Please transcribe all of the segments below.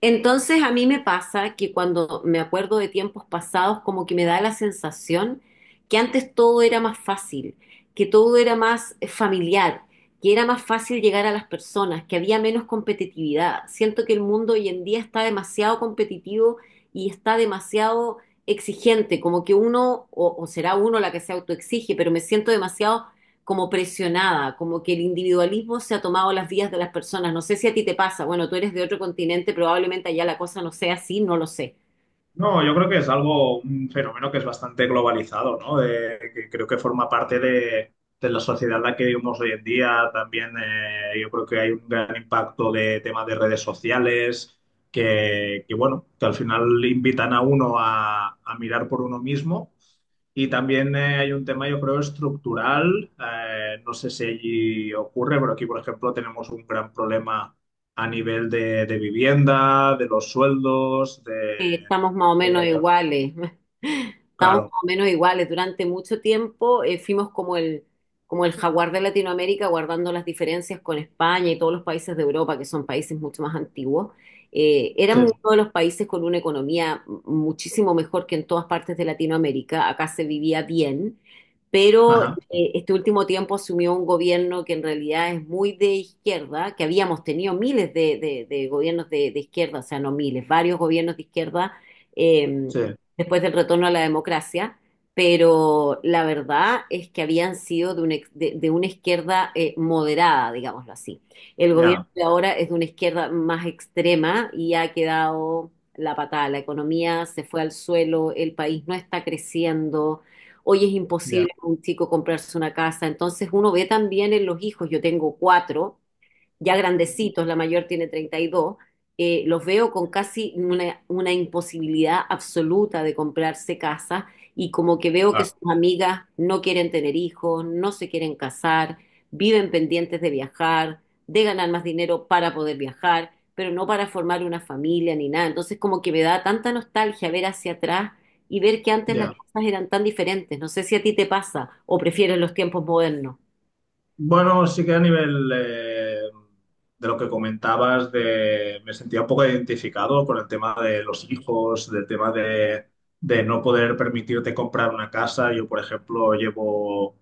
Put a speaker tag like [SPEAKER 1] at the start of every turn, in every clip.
[SPEAKER 1] Entonces a mí me pasa que cuando me acuerdo de tiempos pasados, como que me da la sensación que antes todo era más fácil, que todo era más familiar, que era más fácil llegar a las personas, que había menos competitividad. Siento que el mundo hoy en día está demasiado competitivo y está demasiado exigente, como que uno, o será uno la que se autoexige, pero me siento demasiado como presionada, como que el individualismo se ha tomado las vías de las personas. No sé si a ti te pasa, bueno, tú eres de otro continente, probablemente allá la cosa no sea así, no lo sé.
[SPEAKER 2] No, yo creo que es algo, un fenómeno que es bastante globalizado, ¿no? Que creo que forma parte de la sociedad en la que vivimos hoy en día. También yo creo que hay un gran impacto de temas de redes sociales, bueno, que al final invitan a uno a mirar por uno mismo y también hay un tema, yo creo, estructural. No sé si allí ocurre, pero aquí, por ejemplo, tenemos un gran problema a nivel de vivienda, de los sueldos, de...
[SPEAKER 1] Estamos más o menos
[SPEAKER 2] de-
[SPEAKER 1] iguales, estamos más
[SPEAKER 2] claro,
[SPEAKER 1] o menos iguales. Durante mucho tiempo fuimos como el jaguar de Latinoamérica, guardando las diferencias con España y todos los países de Europa, que son países mucho más antiguos. Éramos
[SPEAKER 2] sí,
[SPEAKER 1] uno de los países con una economía muchísimo mejor que en todas partes de Latinoamérica. Acá se vivía bien, pero
[SPEAKER 2] ajá,
[SPEAKER 1] este último tiempo asumió un gobierno que en realidad es muy de izquierda, que habíamos tenido miles de gobiernos de izquierda, o sea, no miles, varios gobiernos de izquierda eh,
[SPEAKER 2] sí,
[SPEAKER 1] después del retorno a la democracia, pero la verdad es que habían sido de una, de una izquierda moderada, digámoslo así. El gobierno
[SPEAKER 2] ya,
[SPEAKER 1] de ahora es de una izquierda más extrema y ha quedado la patada. La economía se fue al suelo, el país no está creciendo, hoy es
[SPEAKER 2] ya,
[SPEAKER 1] imposible para un chico comprarse una casa. Entonces uno ve también en los hijos, yo tengo cuatro, ya
[SPEAKER 2] ujú,
[SPEAKER 1] grandecitos, la mayor tiene 32, los veo con casi una imposibilidad absoluta de comprarse casa y como que veo que
[SPEAKER 2] claro,
[SPEAKER 1] sus amigas no quieren tener hijos, no se quieren casar, viven pendientes de viajar, de ganar más dinero para poder viajar, pero no para formar una familia ni nada. Entonces como que me da tanta nostalgia ver hacia atrás y ver que antes las
[SPEAKER 2] ya.
[SPEAKER 1] cosas eran tan diferentes. No sé si a ti te pasa o prefieres los tiempos modernos.
[SPEAKER 2] Bueno, sí que a nivel de lo que comentabas, me sentía un poco identificado con el tema de los hijos, del tema de no poder permitirte comprar una casa. Yo, por ejemplo, llevo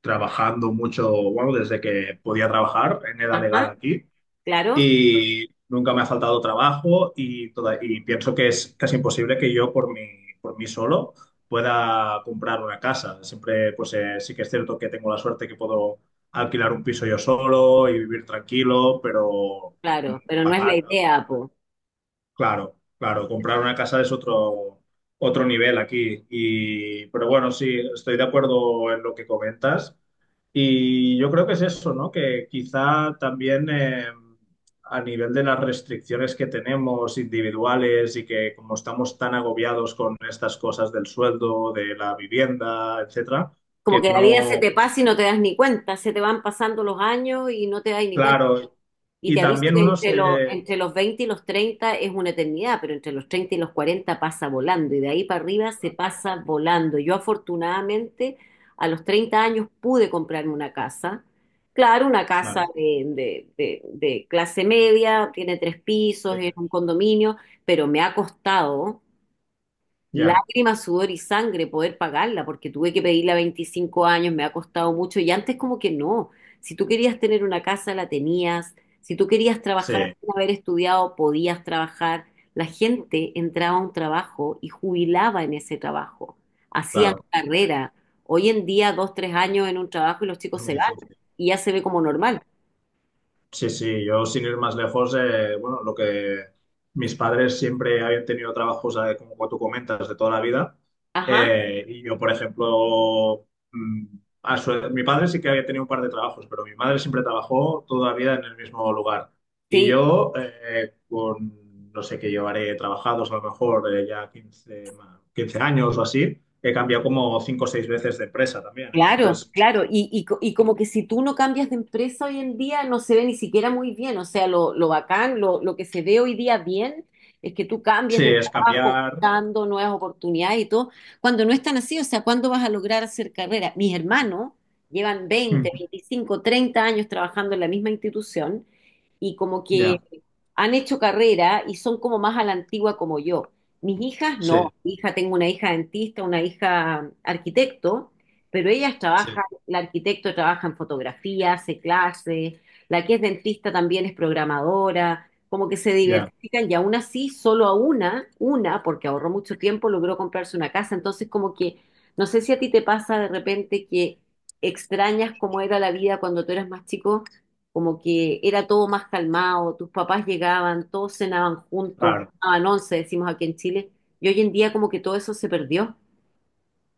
[SPEAKER 2] trabajando mucho, bueno, desde que podía trabajar en edad legal
[SPEAKER 1] Ajá,
[SPEAKER 2] aquí
[SPEAKER 1] claro.
[SPEAKER 2] y nunca me ha faltado trabajo y, y pienso que es casi imposible que yo por mí solo pueda comprar una casa. Siempre, pues sí que es cierto que tengo la suerte que puedo alquilar un piso yo solo y vivir tranquilo, pero mm,
[SPEAKER 1] Claro, pero no es la
[SPEAKER 2] pagar,
[SPEAKER 1] idea, po.
[SPEAKER 2] claro, claro, comprar una casa es otro nivel aquí y pero bueno, sí, estoy de acuerdo en lo que comentas. Y yo creo que es eso, ¿no? Que quizá también a nivel de las restricciones que tenemos individuales y que como estamos tan agobiados con estas cosas del sueldo, de la vivienda, etcétera,
[SPEAKER 1] Como
[SPEAKER 2] que
[SPEAKER 1] que la vida se
[SPEAKER 2] no,
[SPEAKER 1] te pasa y no te das ni cuenta, se te van pasando los años y no te das ni cuenta.
[SPEAKER 2] claro,
[SPEAKER 1] Y
[SPEAKER 2] y
[SPEAKER 1] te aviso
[SPEAKER 2] también
[SPEAKER 1] que
[SPEAKER 2] uno se...
[SPEAKER 1] entre los 20 y los treinta es una eternidad, pero entre los 30 y los 40 pasa volando y de ahí para arriba se pasa volando. Yo afortunadamente a los 30 años pude comprarme una casa. Claro, una casa
[SPEAKER 2] Vale,
[SPEAKER 1] de clase media, tiene tres pisos, es
[SPEAKER 2] eh,
[SPEAKER 1] un condominio, pero me ha costado
[SPEAKER 2] ya,
[SPEAKER 1] lágrimas, sudor y sangre poder pagarla, porque tuve que pedirla a 25 años, me ha costado mucho y antes como que no. Si tú querías tener una casa, la tenías. Si tú querías trabajar
[SPEAKER 2] sí,
[SPEAKER 1] sin haber estudiado, podías trabajar. La gente entraba a un trabajo y jubilaba en ese trabajo. Hacían
[SPEAKER 2] claro,
[SPEAKER 1] carrera. Hoy en día, 2, 3 años en un trabajo y los
[SPEAKER 2] es
[SPEAKER 1] chicos se
[SPEAKER 2] muy
[SPEAKER 1] van
[SPEAKER 2] difícil.
[SPEAKER 1] y ya se ve como
[SPEAKER 2] Vale.
[SPEAKER 1] normal.
[SPEAKER 2] Sí, sí, yo sin ir más lejos, bueno, lo que mis padres siempre habían tenido trabajos, como tú comentas, de toda la vida.
[SPEAKER 1] Ajá,
[SPEAKER 2] Y yo, por ejemplo, mi padre sí que había tenido un par de trabajos, pero mi madre siempre trabajó toda la vida en el mismo lugar. Y
[SPEAKER 1] sí,
[SPEAKER 2] yo, con, no sé qué llevaré trabajados, a lo mejor ya 15 años o así, he cambiado como 5 o 6 veces de empresa también.
[SPEAKER 1] claro,
[SPEAKER 2] Entonces,
[SPEAKER 1] claro, y como que si tú no cambias de empresa hoy en día no se ve ni siquiera muy bien, o sea, lo bacán, lo que se ve hoy día bien es que tú cambies
[SPEAKER 2] sí,
[SPEAKER 1] de
[SPEAKER 2] es
[SPEAKER 1] trabajo,
[SPEAKER 2] cambiar.
[SPEAKER 1] buscando nuevas oportunidades y todo, cuando no es tan así, o sea, ¿cuándo vas a lograr hacer carrera? Mis hermanos llevan 20, 25, 30 años trabajando en la misma institución y como que
[SPEAKER 2] Ya,
[SPEAKER 1] han hecho carrera y son como más a la antigua como yo. Mis hijas no.
[SPEAKER 2] sí.
[SPEAKER 1] Mi hija, tengo una hija dentista, una hija arquitecto, pero ellas
[SPEAKER 2] Sí,
[SPEAKER 1] trabajan, la arquitecto trabaja en fotografía, hace clases, la que es dentista también es programadora, como que se
[SPEAKER 2] ya,
[SPEAKER 1] diversifican y aún así solo a una, porque ahorró mucho tiempo, logró comprarse una casa, entonces como que no sé si a ti te pasa de repente que extrañas cómo era la vida cuando tú eras más chico, como que era todo más calmado, tus papás llegaban, todos cenaban juntos,
[SPEAKER 2] claro.
[SPEAKER 1] tomaban once, decimos aquí en Chile, y hoy en día como que todo eso se perdió.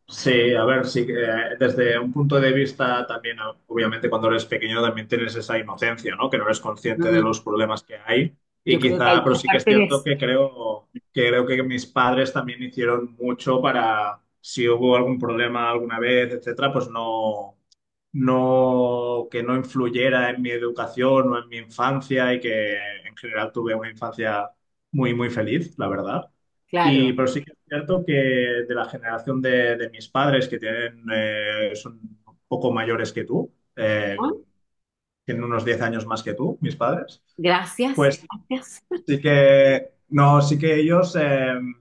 [SPEAKER 2] Sí, a ver, sí, que, desde un punto de vista también, ah, obviamente cuando eres pequeño también tienes esa inocencia, ¿no? Que no eres consciente de
[SPEAKER 1] Mm,
[SPEAKER 2] los problemas que hay y
[SPEAKER 1] yo creo que hay
[SPEAKER 2] quizá, pero
[SPEAKER 1] gran
[SPEAKER 2] sí que es
[SPEAKER 1] parte de
[SPEAKER 2] cierto
[SPEAKER 1] eso.
[SPEAKER 2] que creo que mis padres también hicieron mucho para si hubo algún problema alguna vez, etcétera, pues no. No, que no influyera en mi educación o en mi infancia y que en general tuve una infancia muy, muy feliz, la verdad. Y,
[SPEAKER 1] Claro,
[SPEAKER 2] pero sí que es cierto que de la generación de mis padres, que tienen, son un poco mayores que tú,
[SPEAKER 1] ¿no?
[SPEAKER 2] tienen unos 10 años más que tú, mis padres,
[SPEAKER 1] Gracias,
[SPEAKER 2] pues
[SPEAKER 1] gracias.
[SPEAKER 2] sí que, no, sí que ellos...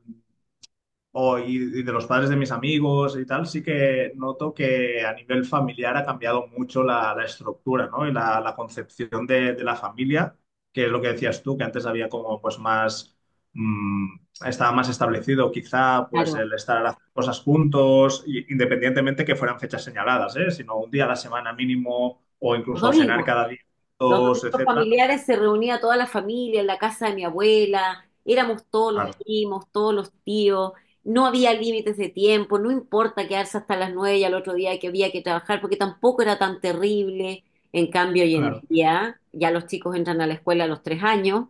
[SPEAKER 2] y de los padres de mis amigos y tal, sí que noto que a nivel familiar ha cambiado mucho la estructura, ¿no? Y la concepción de la familia, que es lo que decías tú, que antes había como pues más, mm, estaba más establecido quizá pues
[SPEAKER 1] Claro.
[SPEAKER 2] el estar haciendo cosas juntos, independientemente que fueran fechas señaladas, ¿eh? Sino un día a la semana mínimo o
[SPEAKER 1] Los
[SPEAKER 2] incluso cenar
[SPEAKER 1] domingos.
[SPEAKER 2] cada día
[SPEAKER 1] Los
[SPEAKER 2] juntos,
[SPEAKER 1] domingos
[SPEAKER 2] etcétera.
[SPEAKER 1] familiares se reunía toda la familia en la casa de mi abuela, éramos todos los
[SPEAKER 2] Claro,
[SPEAKER 1] primos, todos los tíos, no había límites de tiempo, no importa quedarse hasta las 9 y al otro día que había que trabajar, porque tampoco era tan terrible. En cambio, hoy en
[SPEAKER 2] claro.
[SPEAKER 1] día ya los chicos entran a la escuela a los 3 años,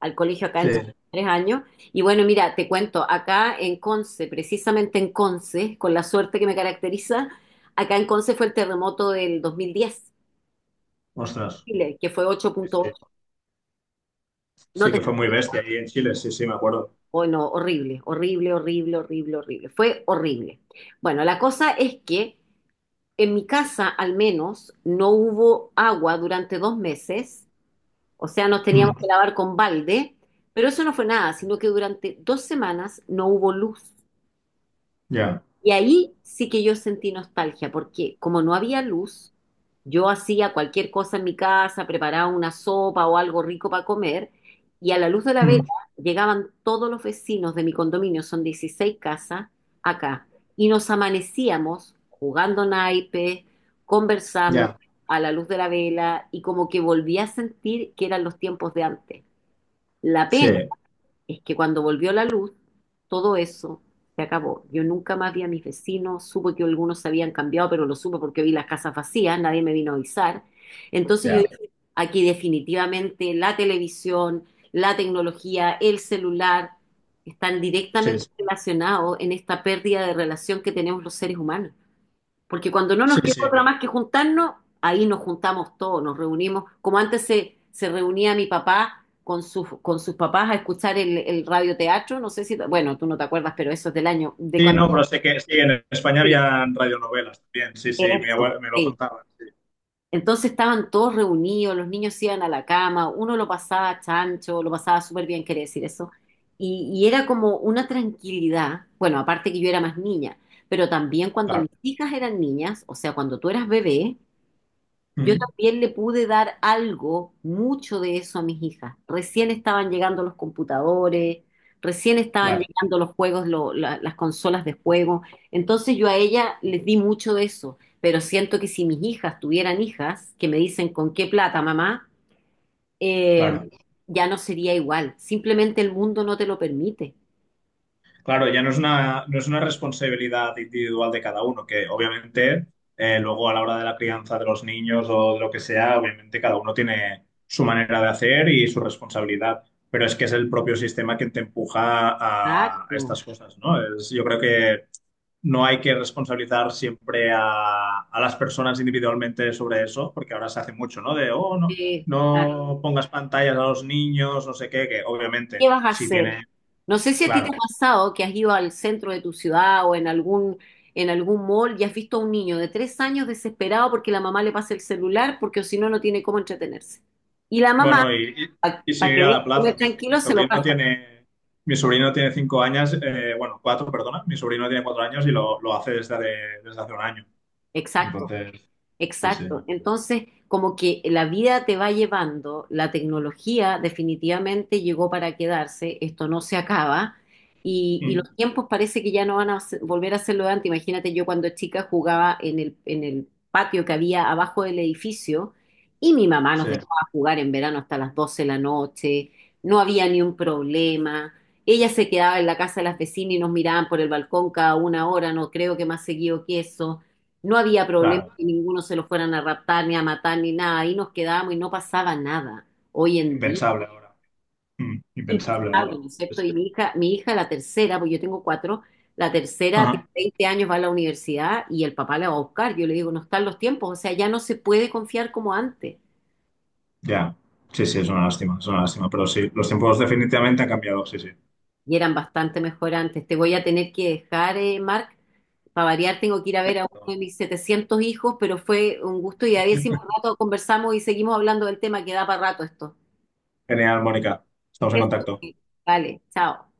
[SPEAKER 1] al colegio acá
[SPEAKER 2] Sí,
[SPEAKER 1] entran a los 3 años. Y bueno, mira, te cuento, acá en Conce, precisamente en Conce, con la suerte que me caracteriza, acá en Conce fue el terremoto del 2010,
[SPEAKER 2] ostras.
[SPEAKER 1] Chile, que fue ocho
[SPEAKER 2] Sí,
[SPEAKER 1] punto
[SPEAKER 2] sí.
[SPEAKER 1] ocho. No
[SPEAKER 2] Sí
[SPEAKER 1] te
[SPEAKER 2] que fue muy bestia
[SPEAKER 1] explico.
[SPEAKER 2] ahí en Chile, sí, sí, me acuerdo.
[SPEAKER 1] Oh, no, horrible, horrible, horrible, horrible, horrible. Fue horrible. Bueno, la cosa es que en mi casa al menos no hubo agua durante 2 meses, o sea, nos teníamos que
[SPEAKER 2] Mm,
[SPEAKER 1] lavar con balde, pero eso no fue nada, sino que durante 2 semanas no hubo luz.
[SPEAKER 2] ya,
[SPEAKER 1] Y ahí sí que yo sentí nostalgia, porque como no había luz, yo hacía cualquier cosa en mi casa, preparaba una sopa o algo rico para comer, y a la luz de la vela
[SPEAKER 2] mm,
[SPEAKER 1] llegaban todos los vecinos de mi condominio, son 16 casas, acá, y nos amanecíamos jugando naipes, conversando
[SPEAKER 2] ya,
[SPEAKER 1] a la luz de la vela, y como que volví a sentir que eran los tiempos de antes. La
[SPEAKER 2] sí,
[SPEAKER 1] pena es que cuando volvió la luz, todo eso se acabó. Yo nunca más vi a mis vecinos, supe que algunos se habían cambiado, pero lo supe porque vi las casas vacías, nadie me vino a avisar. Entonces yo
[SPEAKER 2] ya,
[SPEAKER 1] dije, aquí definitivamente la televisión, la tecnología, el celular están
[SPEAKER 2] sí,
[SPEAKER 1] directamente
[SPEAKER 2] sí,
[SPEAKER 1] relacionados en esta pérdida de relación que tenemos los seres humanos. Porque cuando no nos
[SPEAKER 2] sí.
[SPEAKER 1] queda
[SPEAKER 2] Sí,
[SPEAKER 1] otra más que juntarnos, ahí nos juntamos todos, nos reunimos. Como antes se reunía mi papá con sus papás a escuchar el radioteatro, no sé si, bueno, tú no te acuerdas, pero eso es del año, de
[SPEAKER 2] sí,
[SPEAKER 1] cuando...
[SPEAKER 2] no, pero sé que sí, en España
[SPEAKER 1] Sí,
[SPEAKER 2] había radionovelas también, sí, sí, mi
[SPEAKER 1] eso,
[SPEAKER 2] abuela me lo
[SPEAKER 1] sí.
[SPEAKER 2] contaba, sí,
[SPEAKER 1] Entonces estaban todos reunidos, los niños se iban a la cama, uno lo pasaba chancho, lo pasaba súper bien, quería decir eso. Y era como una tranquilidad, bueno, aparte que yo era más niña, pero también cuando mis
[SPEAKER 2] claro,
[SPEAKER 1] hijas eran niñas, o sea, cuando tú eras bebé, yo
[SPEAKER 2] mm,
[SPEAKER 1] también le pude dar algo, mucho de eso a mis hijas. Recién estaban llegando los computadores, recién estaban
[SPEAKER 2] claro,
[SPEAKER 1] llegando los juegos, las consolas de juego. Entonces yo a ella les di mucho de eso, pero siento que si mis hijas tuvieran hijas que me dicen con qué plata, mamá, eh,
[SPEAKER 2] claro,
[SPEAKER 1] ya no sería igual. Simplemente el mundo no te lo permite.
[SPEAKER 2] claro, ya no es una, no es una responsabilidad individual de cada uno, que obviamente luego a la hora de la crianza de los niños o de lo que sea, obviamente cada uno tiene su manera de hacer y su responsabilidad, pero es que es el propio sistema quien te empuja a
[SPEAKER 1] Exacto.
[SPEAKER 2] estas cosas, ¿no? Es, yo creo que no hay que responsabilizar siempre a las personas individualmente sobre eso, porque ahora se hace mucho, ¿no? De, oh, no,
[SPEAKER 1] Sí, claro.
[SPEAKER 2] no pongas pantallas a los niños, no sé qué, que
[SPEAKER 1] ¿Qué
[SPEAKER 2] obviamente,
[SPEAKER 1] vas a
[SPEAKER 2] si
[SPEAKER 1] hacer?
[SPEAKER 2] tiene,
[SPEAKER 1] No sé si a ti te
[SPEAKER 2] claro,
[SPEAKER 1] ha pasado que has ido al centro de tu ciudad en algún mall y has visto a un niño de 3 años desesperado porque la mamá le pasa el celular porque si no, no tiene cómo entretenerse. Y la mamá,
[SPEAKER 2] bueno, y sin
[SPEAKER 1] para que
[SPEAKER 2] ir a
[SPEAKER 1] deje
[SPEAKER 2] la
[SPEAKER 1] de comer
[SPEAKER 2] plaza,
[SPEAKER 1] tranquilo, se lo pasa.
[SPEAKER 2] mi sobrino tiene 5 años, bueno, cuatro, perdona, mi sobrino tiene 4 años y lo hace desde, desde hace un año.
[SPEAKER 1] Exacto.
[SPEAKER 2] Entonces, sí, sí.
[SPEAKER 1] Exacto. Entonces, como que la vida te va llevando, la tecnología definitivamente llegó para quedarse, esto no se acaba y
[SPEAKER 2] Mm,
[SPEAKER 1] los tiempos parece que ya no van a volver a ser lo de antes. Imagínate, yo cuando chica jugaba en el patio que había abajo del edificio y mi mamá nos
[SPEAKER 2] sí,
[SPEAKER 1] dejaba jugar en verano hasta las 12 de la noche, no había ni un problema. Ella se quedaba en la casa de las vecinas y nos miraban por el balcón cada una hora, no creo que más seguido que eso. No había problema
[SPEAKER 2] claro,
[SPEAKER 1] que ninguno se lo fueran a raptar, ni a matar, ni nada. Ahí nos quedábamos y no pasaba nada. Hoy en día,
[SPEAKER 2] impensable ahora. Mm, impensable
[SPEAKER 1] impensable,
[SPEAKER 2] ahora.
[SPEAKER 1] ¿no es cierto? Y mi hija, la tercera, pues yo tengo cuatro, la tercera tiene
[SPEAKER 2] Ajá.
[SPEAKER 1] 20 años, va a la universidad y el papá la va a buscar. Yo le digo, no están los tiempos, o sea, ya no se puede confiar como antes.
[SPEAKER 2] Ya, sí, sí, es una lástima, pero sí, los tiempos definitivamente han cambiado, sí, sí.
[SPEAKER 1] Y eran bastante mejor antes. Te voy a tener que dejar, Marc. Para variar, tengo que ir a ver a uno de mis 700 hijos, pero fue un gusto y a ver si más rato conversamos y seguimos hablando del tema que da para rato esto.
[SPEAKER 2] Genial, Mónica,
[SPEAKER 1] Es
[SPEAKER 2] estamos en
[SPEAKER 1] que-
[SPEAKER 2] contacto.
[SPEAKER 1] Vale, chao.